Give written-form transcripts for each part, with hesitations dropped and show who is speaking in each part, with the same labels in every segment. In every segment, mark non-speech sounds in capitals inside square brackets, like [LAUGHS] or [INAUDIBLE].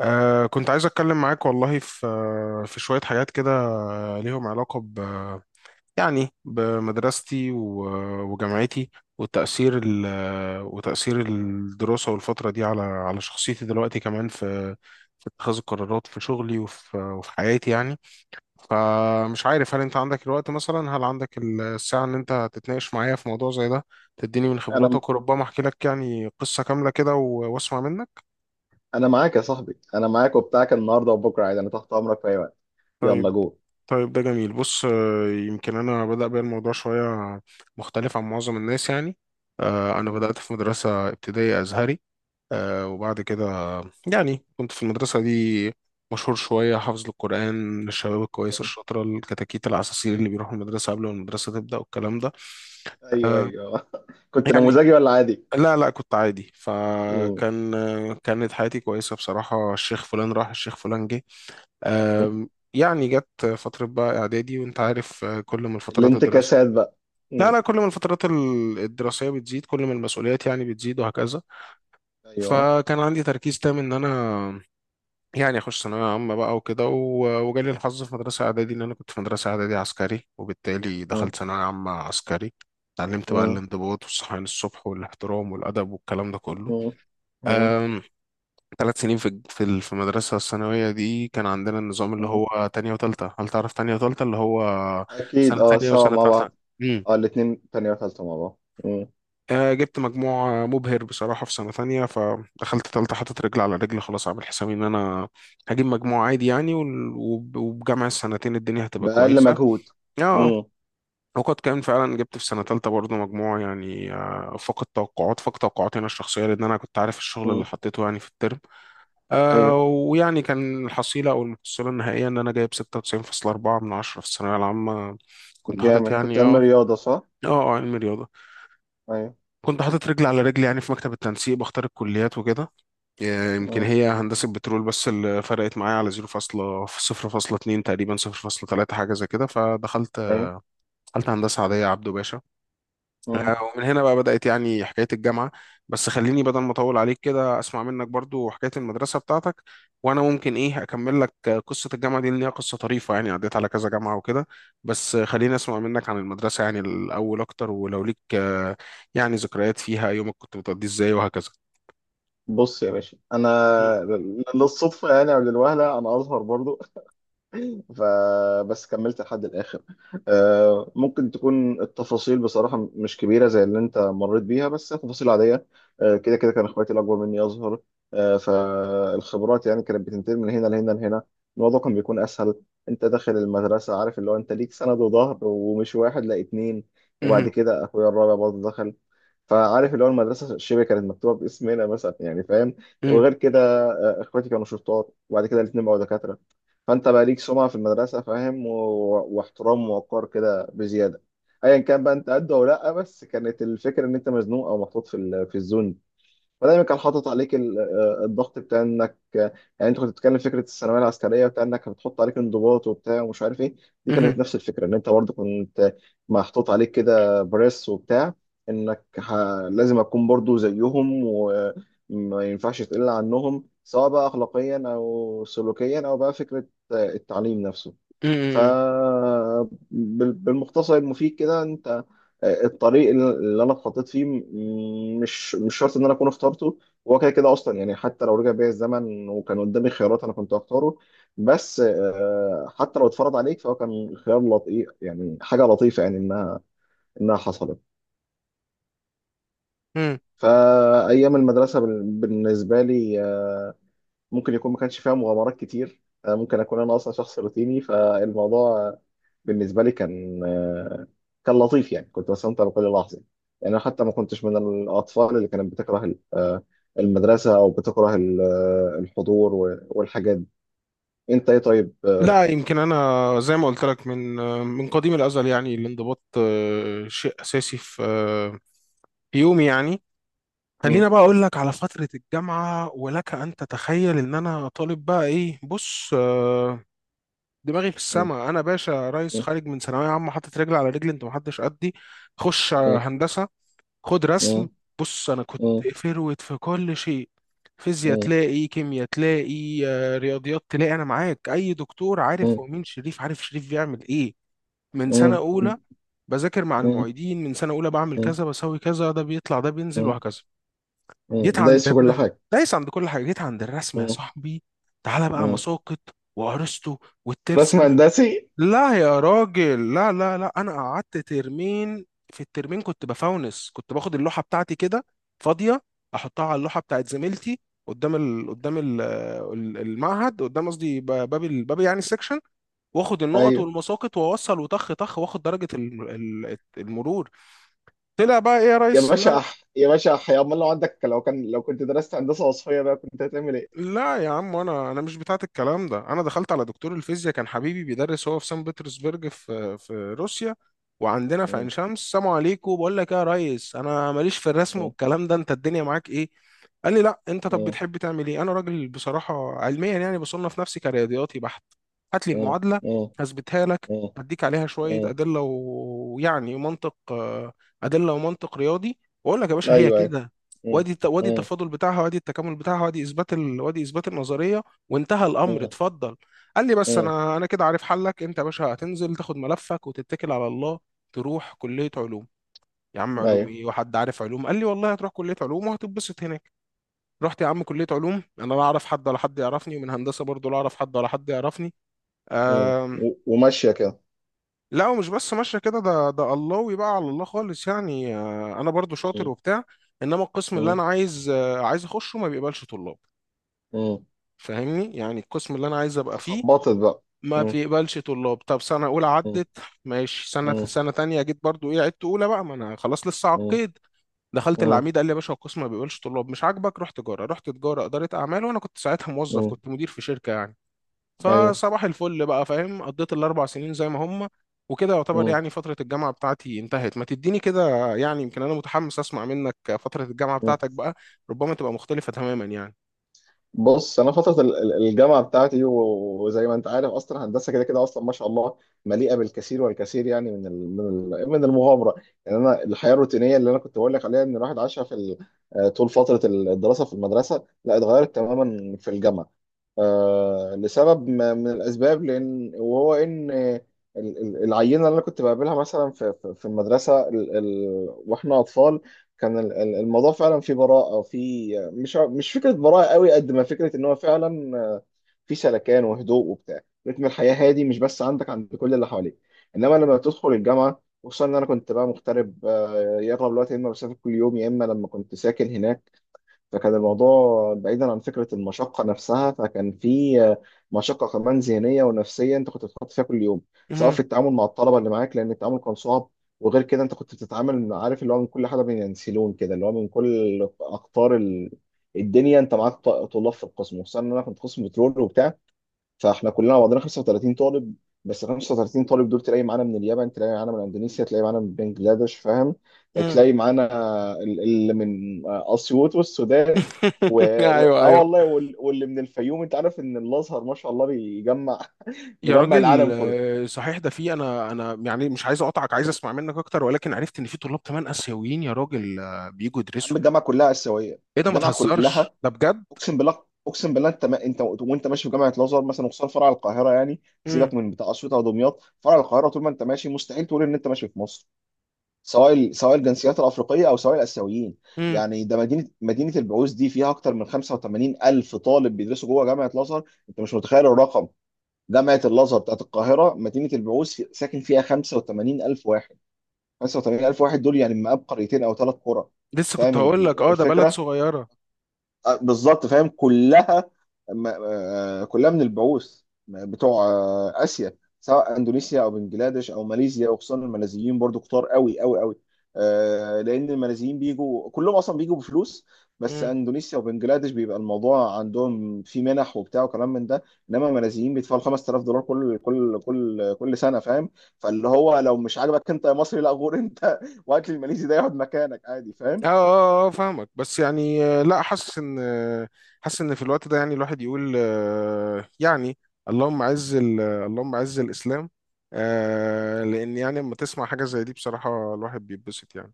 Speaker 1: كنت عايز أتكلم معاك والله في شوية حاجات كده، ليهم علاقة يعني بمدرستي و- وجامعتي، والتأثير ال وتأثير الدراسة والفترة دي على شخصيتي دلوقتي كمان في اتخاذ القرارات في شغلي وفي حياتي يعني. فمش عارف، هل أنت عندك الوقت مثلا؟ هل عندك الساعة إن أنت تتناقش معايا في موضوع زي ده، تديني من
Speaker 2: انا
Speaker 1: خبراتك، وربما أحكي لك يعني قصة كاملة كده و- وأسمع منك.
Speaker 2: انا معاك يا صاحبي، انا معاك وبتاعك النهارده وبكره عادي، انا تحت امرك في اي وقت. يلا
Speaker 1: طيب.
Speaker 2: جو.
Speaker 1: طيب، ده جميل. بص، يمكن انا بدأ بيا الموضوع شوية مختلف عن معظم الناس يعني. انا بدأت في مدرسة ابتدائية ازهري، وبعد كده يعني كنت في المدرسة دي مشهور شوية، حافظ للقرآن، للشباب الكويسة الشاطرة الكتاكيت العساسين اللي بيروحوا المدرسة قبل ما المدرسة تبدأ والكلام ده.
Speaker 2: ايوه،
Speaker 1: آه،
Speaker 2: ايوه، [LAUGHS] كنت
Speaker 1: يعني
Speaker 2: نموذجي ولا عادي؟
Speaker 1: لا، لا، كنت عادي.
Speaker 2: مم.
Speaker 1: فكان آه، كانت حياتي كويسة بصراحة، الشيخ فلان راح الشيخ فلان جه.
Speaker 2: مم.
Speaker 1: يعني جت فترة بقى إعدادي، وأنت عارف، كل ما الفترات الدراسية...
Speaker 2: الانتكاسات بقى.
Speaker 1: لا،
Speaker 2: مم.
Speaker 1: لا، كل ما الفترات الدراسية بتزيد، كل ما المسؤوليات يعني بتزيد وهكذا.
Speaker 2: ايوه.
Speaker 1: فكان عندي تركيز تام إن أنا يعني أخش ثانوية عامة بقى وكده، و- وجالي الحظ في مدرسة إعدادي إن أنا كنت في مدرسة إعدادي عسكري، وبالتالي
Speaker 2: مم.
Speaker 1: دخلت ثانوية عامة عسكري. اتعلمت بقى
Speaker 2: مم.
Speaker 1: الانضباط والصحيان الصبح والاحترام والأدب والكلام ده كله.
Speaker 2: مم. مم.
Speaker 1: 3 سنين في الج- في ال- في المدرسة الثانوية دي كان عندنا النظام اللي
Speaker 2: مم.
Speaker 1: هو تانية وتالتة. هل تعرف تانية وتالتة؟ اللي هو
Speaker 2: اكيد،
Speaker 1: سنة
Speaker 2: اه،
Speaker 1: تانية
Speaker 2: سوا
Speaker 1: وسنة
Speaker 2: مع
Speaker 1: تالتة.
Speaker 2: بعض.
Speaker 1: امم
Speaker 2: اه، الاتنين تانية وتالتة مع بعض. مم.
Speaker 1: جبت مجموع مبهر بصراحة في سنة تانية، فدخلت تالتة حطيت رجل على رجل، خلاص عامل حسابي إن أنا هجيب مجموع عادي يعني، وال- وب- وبجمع السنتين الدنيا هتبقى
Speaker 2: بأقل
Speaker 1: كويسة.
Speaker 2: مجهود.
Speaker 1: اه،
Speaker 2: مم.
Speaker 1: وقد كان فعلا، جبت في سنة تالتة برضه مجموع يعني، فقد توقعاتي أنا الشخصية، لأن أنا كنت عارف الشغل اللي
Speaker 2: مم.
Speaker 1: حطيته يعني في الترم.
Speaker 2: ايوه.
Speaker 1: ويعني كان الحصيلة أو المحصلة النهائية إن أنا جايب 96.4 من عشرة في الثانوية العامة. كنت حاطط
Speaker 2: جامد، كنت
Speaker 1: يعني،
Speaker 2: علمي
Speaker 1: اه.
Speaker 2: رياضة صح؟
Speaker 1: اه، علم رياضة.
Speaker 2: ايوه.
Speaker 1: كنت حاطط رجل على رجل يعني في مكتب التنسيق بختار الكليات وكده، يمكن
Speaker 2: مم.
Speaker 1: هي هندسة بترول، بس اللي فرقت معايا على 0.0.2 تقريبا، 0.3 حاجة زي كده. فدخلت
Speaker 2: ايوه.
Speaker 1: دخلت هندسة عادية، عبده باشا.
Speaker 2: مم.
Speaker 1: ومن هنا بقى بدأت يعني حكاية الجامعة. بس خليني بدل ما أطول عليك كده أسمع منك برضو حكاية المدرسة بتاعتك، وأنا ممكن إيه أكمل لك قصة الجامعة دي، لأن هي قصة طريفة يعني، عديت على كذا جامعة وكده. بس خليني أسمع منك عن المدرسة يعني الأول أكتر، ولو ليك يعني ذكريات فيها، يومك كنت بتقضيه إزاي وهكذا.
Speaker 2: بص يا باشا، انا للصدفه يعني او للوهله انا ازهر برضو. [LAUGHS] فبس كملت لحد الاخر. ممكن تكون التفاصيل بصراحه مش كبيره زي اللي انت مريت بيها، بس تفاصيل عاديه. كده كده كان اخواتي الاكبر مني ازهر. فالخبرات يعني كانت بتنتقل من هنا لهنا لهنا. الموضوع كان بيكون اسهل. انت داخل المدرسه عارف اللي هو انت ليك سند وظهر، ومش واحد، لا اتنين.
Speaker 1: مهم.
Speaker 2: وبعد كده اخويا الرابع برضه دخل. فعارف اللي هو المدرسه شبه كانت مكتوبه باسمنا مثلا، يعني فاهم.
Speaker 1: مهم.
Speaker 2: وغير كده اخواتي كانوا شرطات، وبعد كده الاثنين بقوا دكاتره. فانت بقى ليك سمعه في المدرسه فاهم و... واحترام ووقار كده بزياده. ايا كان بقى انت قد او لا، بس كانت الفكره ان انت مزنوق او محطوط في الزون. فدايما كان حاطط عليك الضغط بتاع انك يعني انت كنت بتتكلم فكره الثانويه العسكريه بتاع انك بتحط عليك انضباط وبتاع ومش عارف ايه. دي
Speaker 1: مهم.
Speaker 2: كانت نفس الفكره ان انت برضه كنت محطوط عليك كده بريس وبتاع، انك ح... لازم اكون برضه زيهم وما ينفعش تقل عنهم، سواء بقى اخلاقيا او سلوكيا او بقى فكره التعليم نفسه.
Speaker 1: مهم.
Speaker 2: فبالمختصر المفيد كده، انت الطريق اللي انا اتحطيت فيه مش شرط ان انا اكون اخترته. هو كده كده اصلا، يعني حتى لو رجع بيا الزمن وكان قدامي خيارات انا كنت هختاره. بس حتى لو اتفرض عليك فهو كان خيار لطيف، يعني حاجه لطيفه يعني انها حصلت.
Speaker 1: مهم.
Speaker 2: فايام المدرسه بالنسبه لي ممكن يكون ما كانش فيها مغامرات كتير. ممكن اكون انا اصلا شخص روتيني، فالموضوع بالنسبه لي كان لطيف، يعني كنت بستمتع بكل لحظه. يعني انا حتى ما كنتش من الاطفال اللي كانت بتكره المدرسه او بتكره الحضور والحاجات دي. انت ايه طيب؟
Speaker 1: لا، يمكن انا زي ما قلت لك من قديم الازل يعني، الانضباط شيء اساسي في يومي يعني.
Speaker 2: م-
Speaker 1: خلينا بقى اقول لك على فترة الجامعة، ولك ان تتخيل ان انا طالب بقى ايه. بص، دماغي في
Speaker 2: م-
Speaker 1: السما، انا باشا ريس
Speaker 2: م-
Speaker 1: خارج من ثانوية عامة حاطط رجل على رجل، انت محدش قدي. خش
Speaker 2: م-
Speaker 1: هندسة، خد رسم. بص انا كنت
Speaker 2: م- م-
Speaker 1: فروت في كل شيء، فيزياء
Speaker 2: م-
Speaker 1: تلاقي، كيمياء تلاقي، رياضيات تلاقي، انا معاك اي دكتور.
Speaker 2: م-
Speaker 1: عارف
Speaker 2: م-
Speaker 1: هو مين شريف؟ عارف شريف بيعمل ايه؟ من سنة اولى بذاكر مع
Speaker 2: م-
Speaker 1: المعيدين، من سنة اولى بعمل
Speaker 2: م-
Speaker 1: كذا بسوي كذا، ده بيطلع ده بينزل
Speaker 2: م-
Speaker 1: وهكذا. جيت عند
Speaker 2: دايس في كل
Speaker 1: الرسم.
Speaker 2: حاجه.
Speaker 1: دايس عند كل حاجه، جيت عند الرسم يا
Speaker 2: م-
Speaker 1: صاحبي. تعالى بقى
Speaker 2: م.
Speaker 1: مساقط وارسطو والترس
Speaker 2: رسم
Speaker 1: ده.
Speaker 2: هندسي.
Speaker 1: لا يا راجل، لا، لا، لا، انا قعدت ترمين. في الترمين كنت بفونس، كنت باخد اللوحه بتاعتي كده فاضيه، احطها على اللوحه بتاعت زميلتي المعهد، قدام قصدي باب يعني السكشن، واخد النقط
Speaker 2: ايوه
Speaker 1: والمساقط واوصل وطخ طخ، واخد درجه المرور. طلع بقى ايه يا
Speaker 2: يا
Speaker 1: ريس،
Speaker 2: باشا، يا باشا حيا، امال لو عندك لو كان لو كنت درست هندسه وصفيه بقى كنت هتعمل ايه؟
Speaker 1: لا يا عم، انا انا مش بتاعت الكلام ده. انا دخلت على دكتور الفيزياء، كان حبيبي بيدرس هو في سان بطرسبرج في روسيا، وعندنا في عين
Speaker 2: مم.
Speaker 1: شمس. سلام عليكم، بقول لك إيه يا ريس، انا ماليش في الرسم
Speaker 2: مم.
Speaker 1: والكلام ده، انت الدنيا معاك ايه؟ قال لي لا، انت طب
Speaker 2: مم.
Speaker 1: بتحب تعمل ايه؟ انا راجل بصراحه علميا يعني بصنف نفسي كرياضياتي بحت، هات لي
Speaker 2: مم.
Speaker 1: المعادله
Speaker 2: مم.
Speaker 1: هثبتها لك،
Speaker 2: مم.
Speaker 1: هديك عليها شويه
Speaker 2: مم.
Speaker 1: ادله و- ويعني منطق، ادله ومنطق رياضي، واقول لك يا باشا هي
Speaker 2: ايوه. ايوه.
Speaker 1: كده.
Speaker 2: مم.
Speaker 1: وادي
Speaker 2: مم.
Speaker 1: التفاضل بتاعها، وادي التكامل بتاعها، وادي اثبات النظريه، وانتهى الامر،
Speaker 2: مم.
Speaker 1: اتفضل. قال لي بس
Speaker 2: مم.
Speaker 1: انا كده عارف حلك، انت يا باشا هتنزل تاخد ملفك وتتكل على الله، تروح كليه علوم. يا عم، علوم
Speaker 2: ايوه.
Speaker 1: ايه؟ وحد عارف علوم! قال لي والله هتروح كليه علوم وهتتبسط هناك. رحت يا عم كليه علوم، انا لا اعرف حد ولا حد يعرفني، ومن هندسه برضه لا اعرف حد ولا حد يعرفني.
Speaker 2: مم.
Speaker 1: آم...
Speaker 2: وماشيه كده.
Speaker 1: لا، ومش بس ماشيه كده، ده الله بقى على الله خالص يعني، انا برضه شاطر
Speaker 2: مم.
Speaker 1: وبتاع، انما القسم اللي انا
Speaker 2: مم.
Speaker 1: عايز اخشه ما بيقبلش طلاب.
Speaker 2: مم.
Speaker 1: فاهمني؟ يعني القسم اللي انا عايز ابقى فيه
Speaker 2: فخبطت بقى.
Speaker 1: ما
Speaker 2: مم.
Speaker 1: بيقبلش طلاب. طب، سنه اولى
Speaker 2: مم.
Speaker 1: عدت ماشي، سنه
Speaker 2: مم.
Speaker 1: سنه تانية جيت برضو ايه، عدت اولى بقى، ما انا خلاص لسه
Speaker 2: مم.
Speaker 1: عقيد. دخلت
Speaker 2: مم.
Speaker 1: العميد قال لي يا باشا، القسم ما بيقبلش طلاب، مش عاجبك روح تجاره. رحت تجاره، اداره اعمال، وانا كنت ساعتها موظف،
Speaker 2: مم.
Speaker 1: كنت مدير في شركه يعني.
Speaker 2: ايوه.
Speaker 1: فصباح الفل بقى، فاهم، قضيت ال4 سنين زي ما هم وكده، يعتبر يعني فتره الجامعه بتاعتي انتهت. ما تديني كده، يعني يمكن انا متحمس اسمع منك فتره الجامعه
Speaker 2: مم.
Speaker 1: بتاعتك بقى، ربما تبقى مختلفه تماما يعني.
Speaker 2: بص، انا فتره الجامعه بتاعتي، وزي ما انت عارف اصلا هندسه كده كده اصلا ما شاء الله، مليئه بالكثير والكثير يعني من المغامره. يعني انا الحياه الروتينيه اللي انا كنت بقول لك عليها ان الواحد عاشها في ال- آه، طول فتره الدراسه في المدرسه، لا اتغيرت تماما في الجامعه. لسبب من الأسباب، لأن وهو إن ال- العينة اللي أنا كنت بقابلها مثلا في المدرسة، ال ال وإحنا أطفال، كان الموضوع فعلا فيه براءة، مش مش فكرة براءة قوي، قد ما فكرة إن هو فعلا في سلكان وهدوء وبتاع. رتم الحياة هادي مش بس عندك، عند كل اللي حواليك. إنما لما تدخل الجامعة، خصوصا إن أنا كنت بقى مغترب، يقرب الوقت يا إما بسافر كل يوم، يا إما لما كنت ساكن هناك. فكان الموضوع بعيدا عن فكرة المشقة نفسها، فكان في آه، مشقة كمان ذهنية ونفسية انت كنت بتتحط فيها كل يوم. سواء في التعامل مع الطلبة اللي معاك، لأن التعامل كان صعب. وغير كده انت كنت بتتعامل عارف اللي هو من كل حاجة، بينسلون كده اللي هو من كل أقطار الدنيا. انت معاك طلاب في القسم، وخصوصا ان انا كنت قسم بترول وبتاع. فاحنا كلنا بعضنا 35 طالب. بس 35 طالب دول، تلاقي معانا من اليابان، تلاقي معانا من اندونيسيا، تلاقي معانا من بنجلاديش فاهم.
Speaker 1: مهم.
Speaker 2: تلاقي معانا اللي من اسيوط والسودان و...
Speaker 1: [LAUGHS] ايوه،
Speaker 2: اه
Speaker 1: ايوه.
Speaker 2: والله، واللي من الفيوم، انت عارف ان الازهر ما شاء الله بيجمع
Speaker 1: يا
Speaker 2: مجمع
Speaker 1: راجل،
Speaker 2: العالم كله.
Speaker 1: صحيح ده، في انا يعني مش عايز اقطعك، عايز اسمع منك اكتر، ولكن عرفت ان في طلاب كمان اسيويين، يا راجل، بيجوا
Speaker 2: يا
Speaker 1: يدرسوا.
Speaker 2: عم الجامعه كلها اسيويه.
Speaker 1: ايه ده! ما
Speaker 2: الجامعه
Speaker 1: تهزرش،
Speaker 2: كلها،
Speaker 1: ده بجد.
Speaker 2: اقسم بالله، اقسم بالله، انت ما... انت وانت ماشي في جامعه الازهر مثلا، وخصوصا فرع القاهره، يعني
Speaker 1: امم
Speaker 2: سيبك من بتاع اسيوط او دمياط، فرع القاهره طول ما انت ماشي مستحيل تقول ان انت ماشي في مصر، سواء سواء الجنسيات الافريقيه او سواء الاسيويين.
Speaker 1: امم
Speaker 2: يعني ده مدينه البعوث، دي فيها اكتر من 85 الف طالب بيدرسوا جوه جامعه الازهر، انت مش متخيل الرقم. جامعه الازهر بتاعت القاهره، مدينه البعوث ساكن فيها 85 الف واحد. 85 الف واحد دول، يعني مقاب قريتين او ثلاث قرى.
Speaker 1: لسه كنت
Speaker 2: فاهم
Speaker 1: هقول لك، اه، ده بلد
Speaker 2: الفكره؟
Speaker 1: صغيره.
Speaker 2: بالظبط، فاهم كلها كلها من البعوث، بتوع اسيا، سواء اندونيسيا او بنجلاديش او ماليزيا، وخصوصا الماليزيين برضو كتار قوي قوي قوي. لان الماليزيين بيجوا كلهم اصلا بيجوا بفلوس. بس
Speaker 1: امم
Speaker 2: اندونيسيا وبنجلاديش بيبقى الموضوع عندهم في منح وبتاع وكلام من ده. انما الماليزيين بيدفعوا 5000 دولار كل سنه فاهم. فاللي هو لو مش عاجبك انت يا مصري، لا غور انت [LAUGHS] وهات لي الماليزي ده يقعد مكانك عادي.
Speaker 1: اه، اه، اه، فاهمك. بس يعني، لا، حاسس ان في الوقت ده يعني الواحد يقول، يعني، اللهم عز الاسلام، لان يعني لما تسمع حاجه زي دي بصراحه الواحد بيتبسط يعني.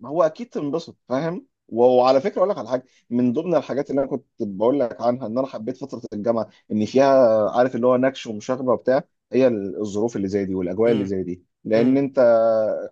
Speaker 2: ما هو اكيد تنبسط فاهم. وعلى فكره اقول لك على حاجه. من ضمن الحاجات اللي انا كنت بقول لك عنها ان انا حبيت فتره الجامعه، ان فيها عارف اللي هو نكش ومشاغبه وبتاع. هي الظروف اللي زي دي والاجواء اللي زي دي، لان
Speaker 1: امم
Speaker 2: انت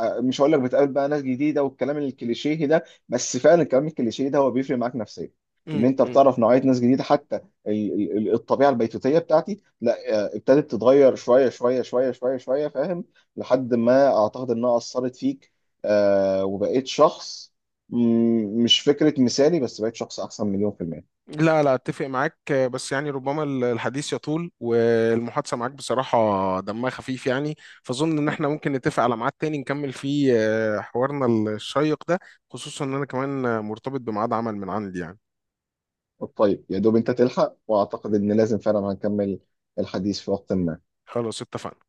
Speaker 2: مش هقول لك بتقابل بقى ناس جديده والكلام الكليشيه ده، بس فعلا الكلام الكليشيه ده هو بيفرق معاك نفسيا. ان
Speaker 1: امم
Speaker 2: انت
Speaker 1: امم
Speaker 2: بتعرف نوعيه ناس جديده، حتى الطبيعه البيتوتيه بتاعتي لا، ابتدت تتغير شويه شويه شويه شويه شويه فاهم، لحد ما اعتقد انها اثرت فيك. وبقيت شخص، مش فكرة مثالي، بس بقيت شخص أحسن مليون في المية.
Speaker 1: لا، لا، اتفق معاك، بس يعني ربما الحديث يطول، والمحادثه معاك بصراحه دمها خفيف يعني. فاظن ان احنا ممكن نتفق على ميعاد تاني نكمل فيه حوارنا الشيق ده، خصوصا ان انا كمان مرتبط بميعاد عمل من عندي يعني.
Speaker 2: طيب، يا دوب أنت تلحق، وأعتقد إن لازم فعلا هنكمل الحديث في وقت ما.
Speaker 1: خلاص، اتفقنا.